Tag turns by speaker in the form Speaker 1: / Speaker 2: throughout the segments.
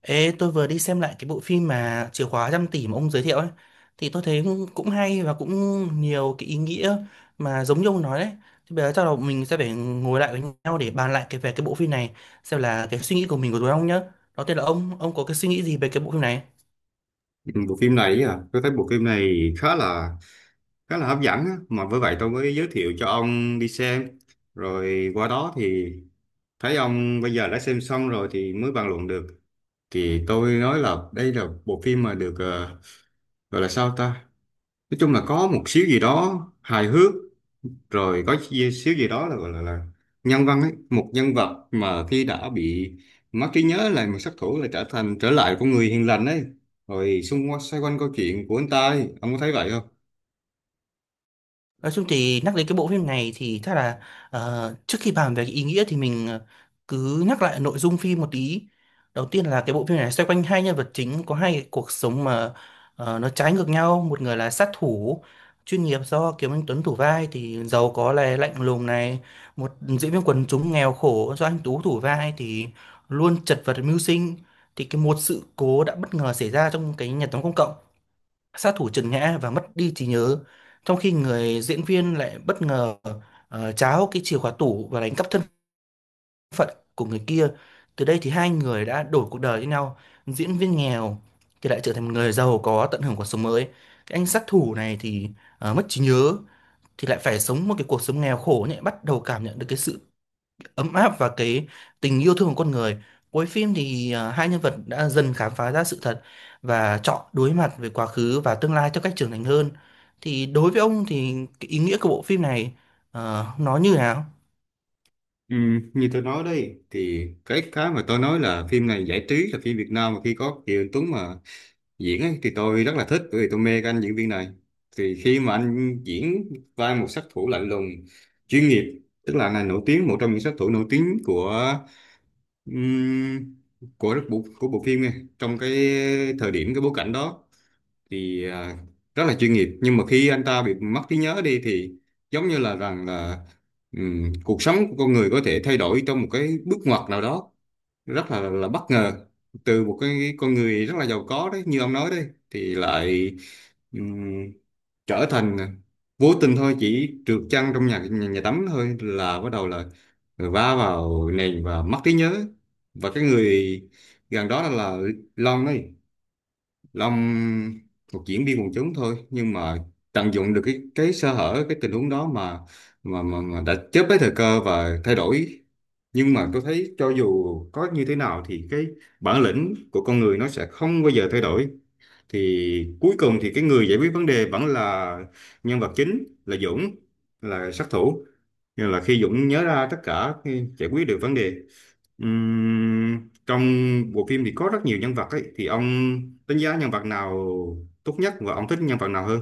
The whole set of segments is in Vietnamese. Speaker 1: Ê, tôi vừa đi xem lại cái bộ phim mà Chìa khóa trăm tỷ mà ông giới thiệu ấy thì tôi thấy cũng cũng hay và cũng nhiều cái ý nghĩa mà giống như ông nói đấy. Thì bây giờ chắc là mình sẽ phải ngồi lại với nhau để bàn lại cái về cái bộ phim này, xem là cái suy nghĩ của mình, của tụi ông nhá. Đầu tiên là ông có cái suy nghĩ gì về cái bộ phim này?
Speaker 2: Ừ, Bộ phim này à, tôi thấy bộ phim này khá là hấp dẫn á. Mà với vậy tôi mới giới thiệu cho ông đi xem. Rồi qua đó thì thấy ông bây giờ đã xem xong rồi thì mới bàn luận được. Thì tôi nói là đây là bộ phim mà được gọi là sao ta? Nói chung là có một xíu gì đó hài hước rồi xíu gì đó là gọi là nhân văn ấy, một nhân vật mà khi đã bị mất trí nhớ là một sát thủ lại trở lại con người hiền lành ấy, rồi xung quanh xoay quanh câu chuyện của anh ta ấy. Ông có thấy vậy không?
Speaker 1: Nói chung thì nhắc đến cái bộ phim này thì chắc là, trước khi bàn về cái ý nghĩa thì mình cứ nhắc lại nội dung phim một tí. Đầu tiên là cái bộ phim này xoay quanh hai nhân vật chính có hai cái cuộc sống mà nó trái ngược nhau. Một người là sát thủ chuyên nghiệp do Kiều Anh Tuấn thủ vai thì giàu có này, lạnh lùng này. Một diễn viên quần chúng nghèo khổ do anh Tú thủ vai thì luôn chật vật mưu sinh. Thì cái một sự cố đã bất ngờ xảy ra trong cái nhà tắm công cộng. Sát thủ trượt ngã và mất đi trí nhớ, trong khi người diễn viên lại bất ngờ tráo cái chìa khóa tủ và đánh cắp thân của người kia. Từ đây thì hai người đã đổi cuộc đời với nhau. Diễn viên nghèo thì lại trở thành một người giàu có, tận hưởng cuộc sống mới. Cái anh sát thủ này thì mất trí nhớ thì lại phải sống một cái cuộc sống nghèo khổ, nhẹ bắt đầu cảm nhận được cái sự ấm áp và cái tình yêu thương của con người. Cuối phim thì hai nhân vật đã dần khám phá ra sự thật và chọn đối mặt với quá khứ và tương lai theo cách trưởng thành hơn. Thì đối với ông thì cái ý nghĩa của bộ phim này nó như nào?
Speaker 2: ừ, Như tôi nói đây thì cái mà tôi nói là phim này giải trí, là phim Việt Nam mà khi có Kiều Anh Tuấn mà diễn ấy thì tôi rất là thích, bởi vì tôi mê cái anh diễn viên này. Thì khi mà anh diễn vai một sát thủ lạnh lùng chuyên nghiệp, tức là anh này nổi tiếng, một trong những sát thủ nổi tiếng Ừm, của rất bộ của bộ phim này, trong cái thời điểm cái bối cảnh đó thì rất là chuyên nghiệp. Nhưng mà khi anh ta bị mất trí nhớ đi thì giống như là rằng là cuộc sống của con người có thể thay đổi trong một cái bước ngoặt nào đó rất là bất ngờ. Từ một cái con người rất là giàu có đấy, như ông nói đấy, thì lại ừm, trở thành, vô tình thôi, chỉ trượt chân trong nhà nhà, nhà tắm thôi là bắt đầu là rồi vá vào nền và mất trí nhớ. Và cái người gần đó là Long ấy, Long, một diễn viên quần chúng thôi, nhưng mà tận dụng được cái sơ hở, cái tình huống đó, mà mà đã chớp lấy thời cơ và thay đổi. Nhưng mà tôi thấy cho dù có như thế nào thì cái bản lĩnh của con người nó sẽ không bao giờ thay đổi. Thì cuối cùng thì cái người giải quyết vấn đề vẫn là nhân vật chính là Dũng, là sát thủ, nhưng là khi Dũng nhớ ra tất cả khi giải quyết được vấn đề. Trong bộ phim thì có rất nhiều nhân vật ấy, thì ông đánh giá nhân vật nào tốt nhất và ông thích nhân vật nào hơn?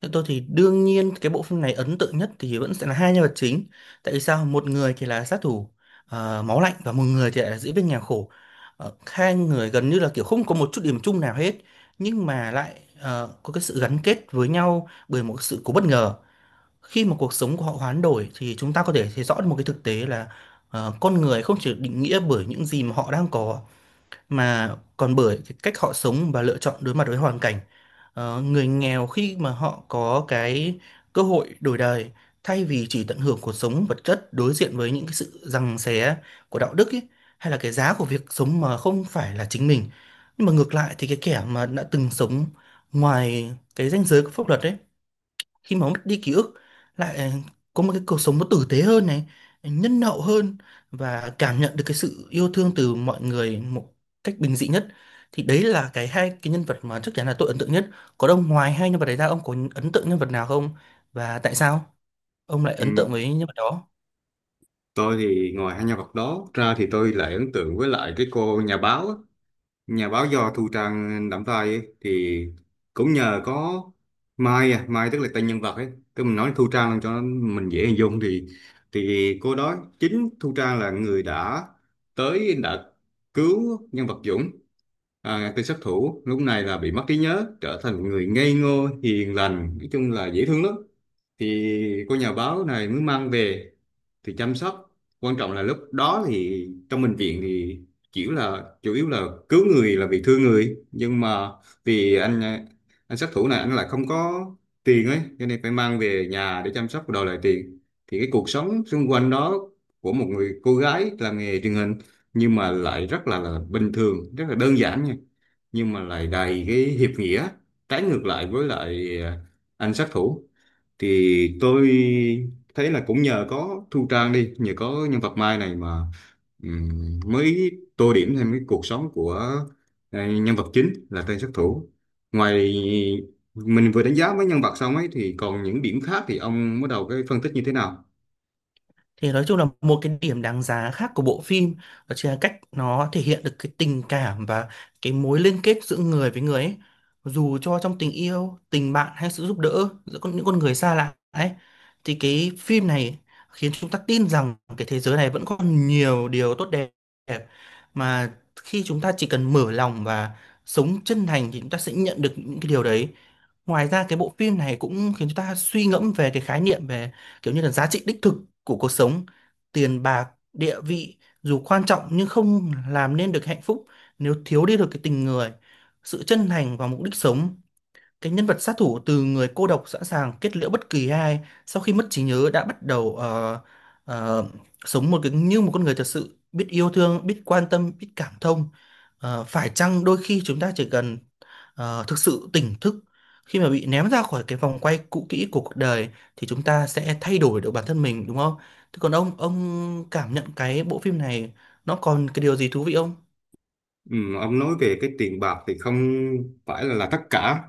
Speaker 1: Theo tôi thì đương nhiên cái bộ phim này ấn tượng nhất thì vẫn sẽ là hai nhân vật chính. Tại vì sao? Một người thì là sát thủ máu lạnh, và một người thì lại là diễn viên nhà khổ. Hai người gần như là kiểu không có một chút điểm chung nào hết, nhưng mà lại có cái sự gắn kết với nhau bởi một sự cố bất ngờ. Khi mà cuộc sống của họ hoán đổi thì chúng ta có thể thấy rõ được một cái thực tế là, con người không chỉ định nghĩa bởi những gì mà họ đang có, mà còn bởi cái cách họ sống và lựa chọn đối mặt với hoàn cảnh. Người nghèo khi mà họ có cái cơ hội đổi đời, thay vì chỉ tận hưởng cuộc sống vật chất, đối diện với những cái sự giằng xé của đạo đức ấy, hay là cái giá của việc sống mà không phải là chính mình. Nhưng mà ngược lại thì cái kẻ mà đã từng sống ngoài cái ranh giới của pháp luật ấy, khi mà mất đi ký ức, lại có một cái cuộc sống nó tử tế hơn này, nhân hậu hơn, và cảm nhận được cái sự yêu thương từ mọi người một cách bình dị nhất. Thì đấy là cái hai cái nhân vật mà chắc chắn là tôi ấn tượng nhất. Còn ông, ngoài hai nhân vật đấy ra, ông có ấn tượng nhân vật nào không, và tại sao ông lại ấn tượng
Speaker 2: Ừm,
Speaker 1: với nhân vật đó?
Speaker 2: tôi thì ngoài hai nhân vật đó ra thì tôi lại ấn tượng với lại cái cô nhà báo á. Nhà báo do Thu Trang đảm vai ấy, thì cũng nhờ có Mai, tức là tên nhân vật ấy, tức mình nói Thu Trang cho mình dễ hình dung, thì cô đó, chính Thu Trang là người đã tới đã cứu nhân vật Dũng, à, tên sát thủ lúc này là bị mất trí nhớ trở thành một người ngây ngô hiền lành, nói chung là dễ thương lắm. Thì cô nhà báo này mới mang về thì chăm sóc. Quan trọng là lúc đó thì trong bệnh viện thì kiểu là chủ yếu là cứu người là vì thương người, nhưng mà vì anh sát thủ này, anh lại không có tiền ấy, cho nên phải mang về nhà để chăm sóc và đòi lại tiền. Thì cái cuộc sống xung quanh đó của một người cô gái làm nghề truyền hình, nhưng mà lại rất là bình thường, rất là đơn giản nha, nhưng mà lại đầy cái hiệp nghĩa, trái ngược lại với lại anh sát thủ. Thì tôi thấy là cũng nhờ có Thu Trang đi nhờ có nhân vật Mai này mà mới tô điểm thêm cái cuộc sống của nhân vật chính là tên sát thủ. Ngoài mình vừa đánh giá với nhân vật xong ấy thì còn những điểm khác, thì ông bắt đầu cái phân tích như thế nào?
Speaker 1: Thì nói chung là một cái điểm đáng giá khác của bộ phim, đó chính là cách nó thể hiện được cái tình cảm và cái mối liên kết giữa người với người ấy. Dù cho trong tình yêu, tình bạn, hay sự giúp đỡ giữa những con người xa lạ ấy, thì cái phim này khiến chúng ta tin rằng cái thế giới này vẫn còn nhiều điều tốt đẹp, mà khi chúng ta chỉ cần mở lòng và sống chân thành thì chúng ta sẽ nhận được những cái điều đấy. Ngoài ra, cái bộ phim này cũng khiến chúng ta suy ngẫm về cái khái niệm về, kiểu như là giá trị đích thực của cuộc sống. Tiền bạc, địa vị dù quan trọng nhưng không làm nên được hạnh phúc nếu thiếu đi được cái tình người, sự chân thành và mục đích sống. Cái nhân vật sát thủ, từ người cô độc sẵn sàng kết liễu bất kỳ ai, sau khi mất trí nhớ đã bắt đầu, ờ, sống một cái như một con người thật sự biết yêu thương, biết quan tâm, biết cảm thông. Phải chăng đôi khi chúng ta chỉ cần thực sự tỉnh thức, khi mà bị ném ra khỏi cái vòng quay cũ kỹ của cuộc đời, thì chúng ta sẽ thay đổi được bản thân mình, đúng không? Thế còn ông cảm nhận cái bộ phim này nó còn cái điều gì thú vị không?
Speaker 2: Ông nói về cái tiền bạc thì không phải là tất cả,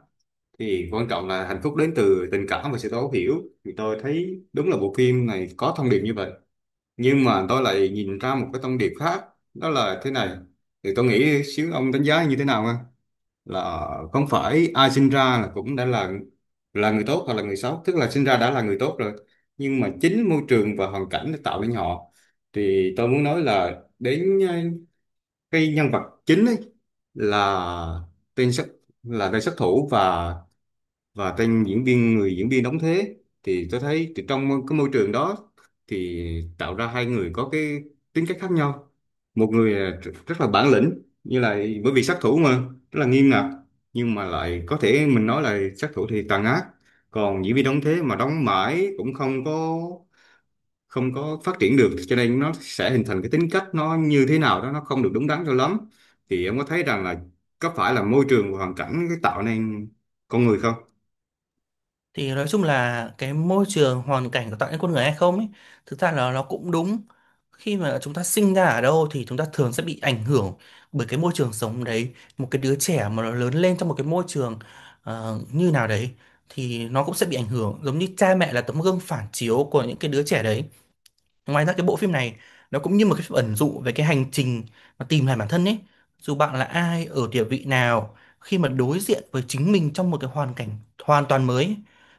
Speaker 2: thì quan trọng là hạnh phúc đến từ tình cảm và sự thấu hiểu. Thì tôi thấy đúng là bộ phim này có thông điệp như vậy, nhưng mà tôi lại nhìn ra một cái thông điệp khác, đó là thế này, thì tôi nghĩ xíu ông đánh giá như thế nào ha? Là không phải ai sinh ra là cũng đã là người tốt hoặc là người xấu, tức là sinh ra đã là người tốt rồi, nhưng mà chính môi trường và hoàn cảnh đã tạo nên họ. Thì tôi muốn nói là đến cái nhân vật chính ấy, là tên sát tên sát thủ và tên diễn viên người diễn viên đóng thế. Thì tôi thấy thì trong cái môi trường đó thì tạo ra hai người có cái tính cách khác nhau. Một người là rất là bản lĩnh, như là bởi vì sát thủ mà, rất là nghiêm ngặt, nhưng mà lại có thể mình nói là sát thủ thì tàn ác. Còn diễn viên đóng thế mà đóng mãi cũng không có phát triển được, cho nên nó sẽ hình thành cái tính cách nó như thế nào đó nó không được đúng đắn cho lắm. Thì em có thấy rằng là có phải là môi trường và hoàn cảnh cái tạo nên con người không?
Speaker 1: Thì nói chung là cái môi trường hoàn cảnh có tạo nên con người hay không ấy, thực ra là nó cũng đúng. Khi mà chúng ta sinh ra ở đâu thì chúng ta thường sẽ bị ảnh hưởng bởi cái môi trường sống đấy. Một cái đứa trẻ mà nó lớn lên trong một cái môi trường như nào đấy thì nó cũng sẽ bị ảnh hưởng, giống như cha mẹ là tấm gương phản chiếu của những cái đứa trẻ đấy. Ngoài ra, cái bộ phim này nó cũng như một cái phim ẩn dụ về cái hành trình mà tìm lại bản thân ấy. Dù bạn là ai, ở địa vị nào, khi mà đối diện với chính mình trong một cái hoàn cảnh hoàn toàn mới ấy,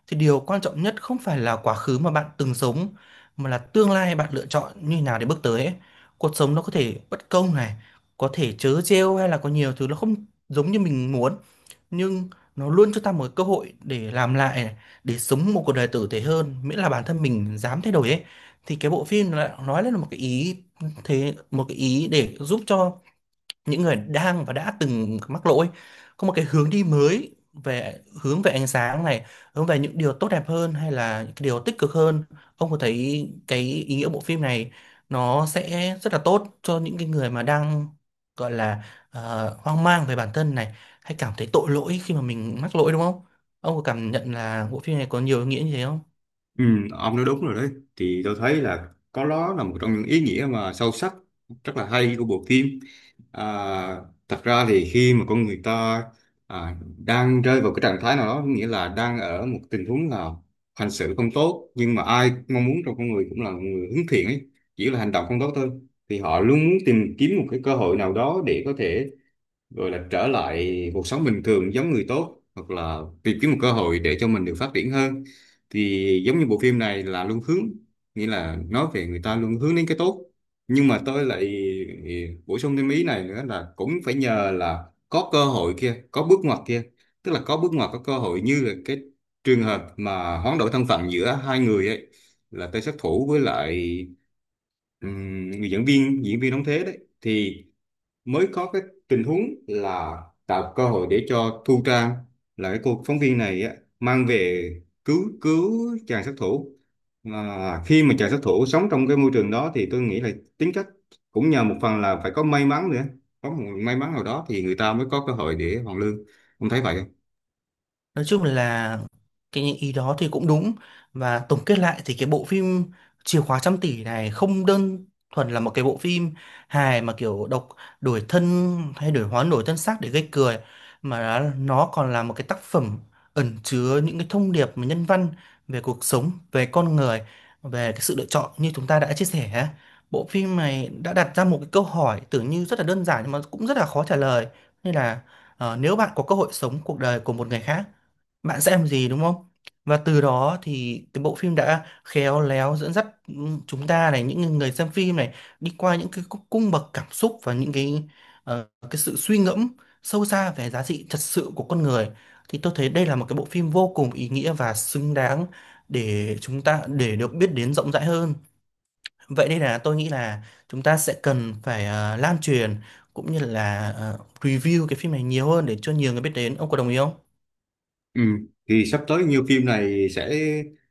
Speaker 1: thì điều quan trọng nhất không phải là quá khứ mà bạn từng sống, mà là tương lai bạn lựa chọn như thế nào để bước tới ấy. Cuộc sống nó có thể bất công này, có thể trớ trêu, hay là có nhiều thứ nó không giống như mình muốn, nhưng nó luôn cho ta một cơ hội để làm lại này, để sống một cuộc đời tử tế hơn, miễn là bản thân mình dám thay đổi ấy. Thì cái bộ phim nó lại nói lên một cái ý, thế một cái ý để giúp cho những người đang và đã từng mắc lỗi có một cái hướng đi mới, về hướng về ánh sáng này, hướng về những điều tốt đẹp hơn, hay là những cái điều tích cực hơn. Ông có thấy cái ý nghĩa bộ phim này nó sẽ rất là tốt cho những cái người mà đang, gọi là, hoang mang về bản thân này, hay cảm thấy tội lỗi khi mà mình mắc lỗi, đúng không? Ông có cảm nhận là bộ phim này có nhiều ý nghĩa như thế không?
Speaker 2: Ừ, ông nói đúng rồi đấy. Thì tôi thấy là có, đó là một trong những ý nghĩa mà sâu sắc, rất là hay của bộ phim. à, Thật ra thì khi mà con người ta đang rơi vào cái trạng thái nào đó, nghĩa là đang ở một tình huống là hành xử không tốt, nhưng mà ai mong muốn trong con người cũng là một người hướng thiện ấy, chỉ là hành động không tốt thôi. Thì họ luôn muốn tìm kiếm một cái cơ hội nào đó để có thể rồi là trở lại cuộc sống bình thường giống người tốt, hoặc là tìm kiếm một cơ hội để cho mình được phát triển hơn. Thì giống như bộ phim này là luôn hướng, nghĩa là nói về người ta luôn hướng đến cái tốt. Nhưng mà tôi lại bổ sung thêm ý này nữa, là cũng phải nhờ là có cơ hội kia, có bước ngoặt kia, tức là có bước ngoặt, có cơ hội, như là cái trường hợp mà hoán đổi thân phận giữa hai người ấy, là tay Sát Thủ với lại người diễn viên đóng thế đấy, thì mới có cái tình huống là tạo cơ hội để cho Thu Trang, là cái cô phóng viên này á, mang về cứu cứu chàng sát thủ. Mà khi mà chàng sát thủ sống trong cái môi trường đó thì tôi nghĩ là tính cách cũng nhờ một phần là phải có may mắn nữa. Có một may mắn nào đó thì người ta mới có cơ hội để hoàn lương. Ông thấy vậy không?
Speaker 1: Nói chung là cái những ý đó thì cũng đúng. Và tổng kết lại thì cái bộ phim Chìa khóa trăm tỷ này không đơn thuần là một cái bộ phim hài mà kiểu độc, đổi thân hay đổi hóa đổi thân xác để gây cười, mà nó còn là một cái tác phẩm ẩn chứa những cái thông điệp mà nhân văn về cuộc sống, về con người, về cái sự lựa chọn như chúng ta đã chia sẻ á. Bộ phim này đã đặt ra một cái câu hỏi tưởng như rất là đơn giản nhưng mà cũng rất là khó trả lời. Nên là, nếu bạn có cơ hội sống cuộc đời của một người khác, bạn sẽ làm gì đúng không? Và từ đó thì cái bộ phim đã khéo léo dẫn dắt chúng ta này, những người xem phim này, đi qua những cái cung cung bậc cảm xúc và những cái cái sự suy ngẫm sâu xa về giá trị thật sự của con người. Thì tôi thấy đây là một cái bộ phim vô cùng ý nghĩa và xứng đáng để chúng ta, để được biết đến rộng rãi hơn. Vậy đây, là tôi nghĩ là chúng ta sẽ cần phải lan truyền cũng như là review cái phim này nhiều hơn để cho nhiều người biết đến. Ông có đồng ý không?
Speaker 2: Ừ. Thì sắp tới nhiều phim này sẽ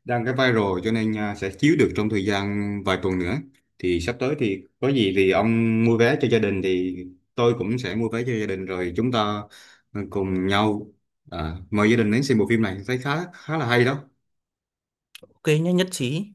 Speaker 2: đang cái viral, cho nên à, sẽ chiếu được trong thời gian vài tuần nữa. Thì sắp tới thì có gì thì ông mua vé cho gia đình thì tôi cũng sẽ mua vé cho gia đình, rồi chúng ta cùng nhau mời gia đình đến xem bộ phim này, thấy khá khá là hay đó.
Speaker 1: Ok nhé, nhất trí.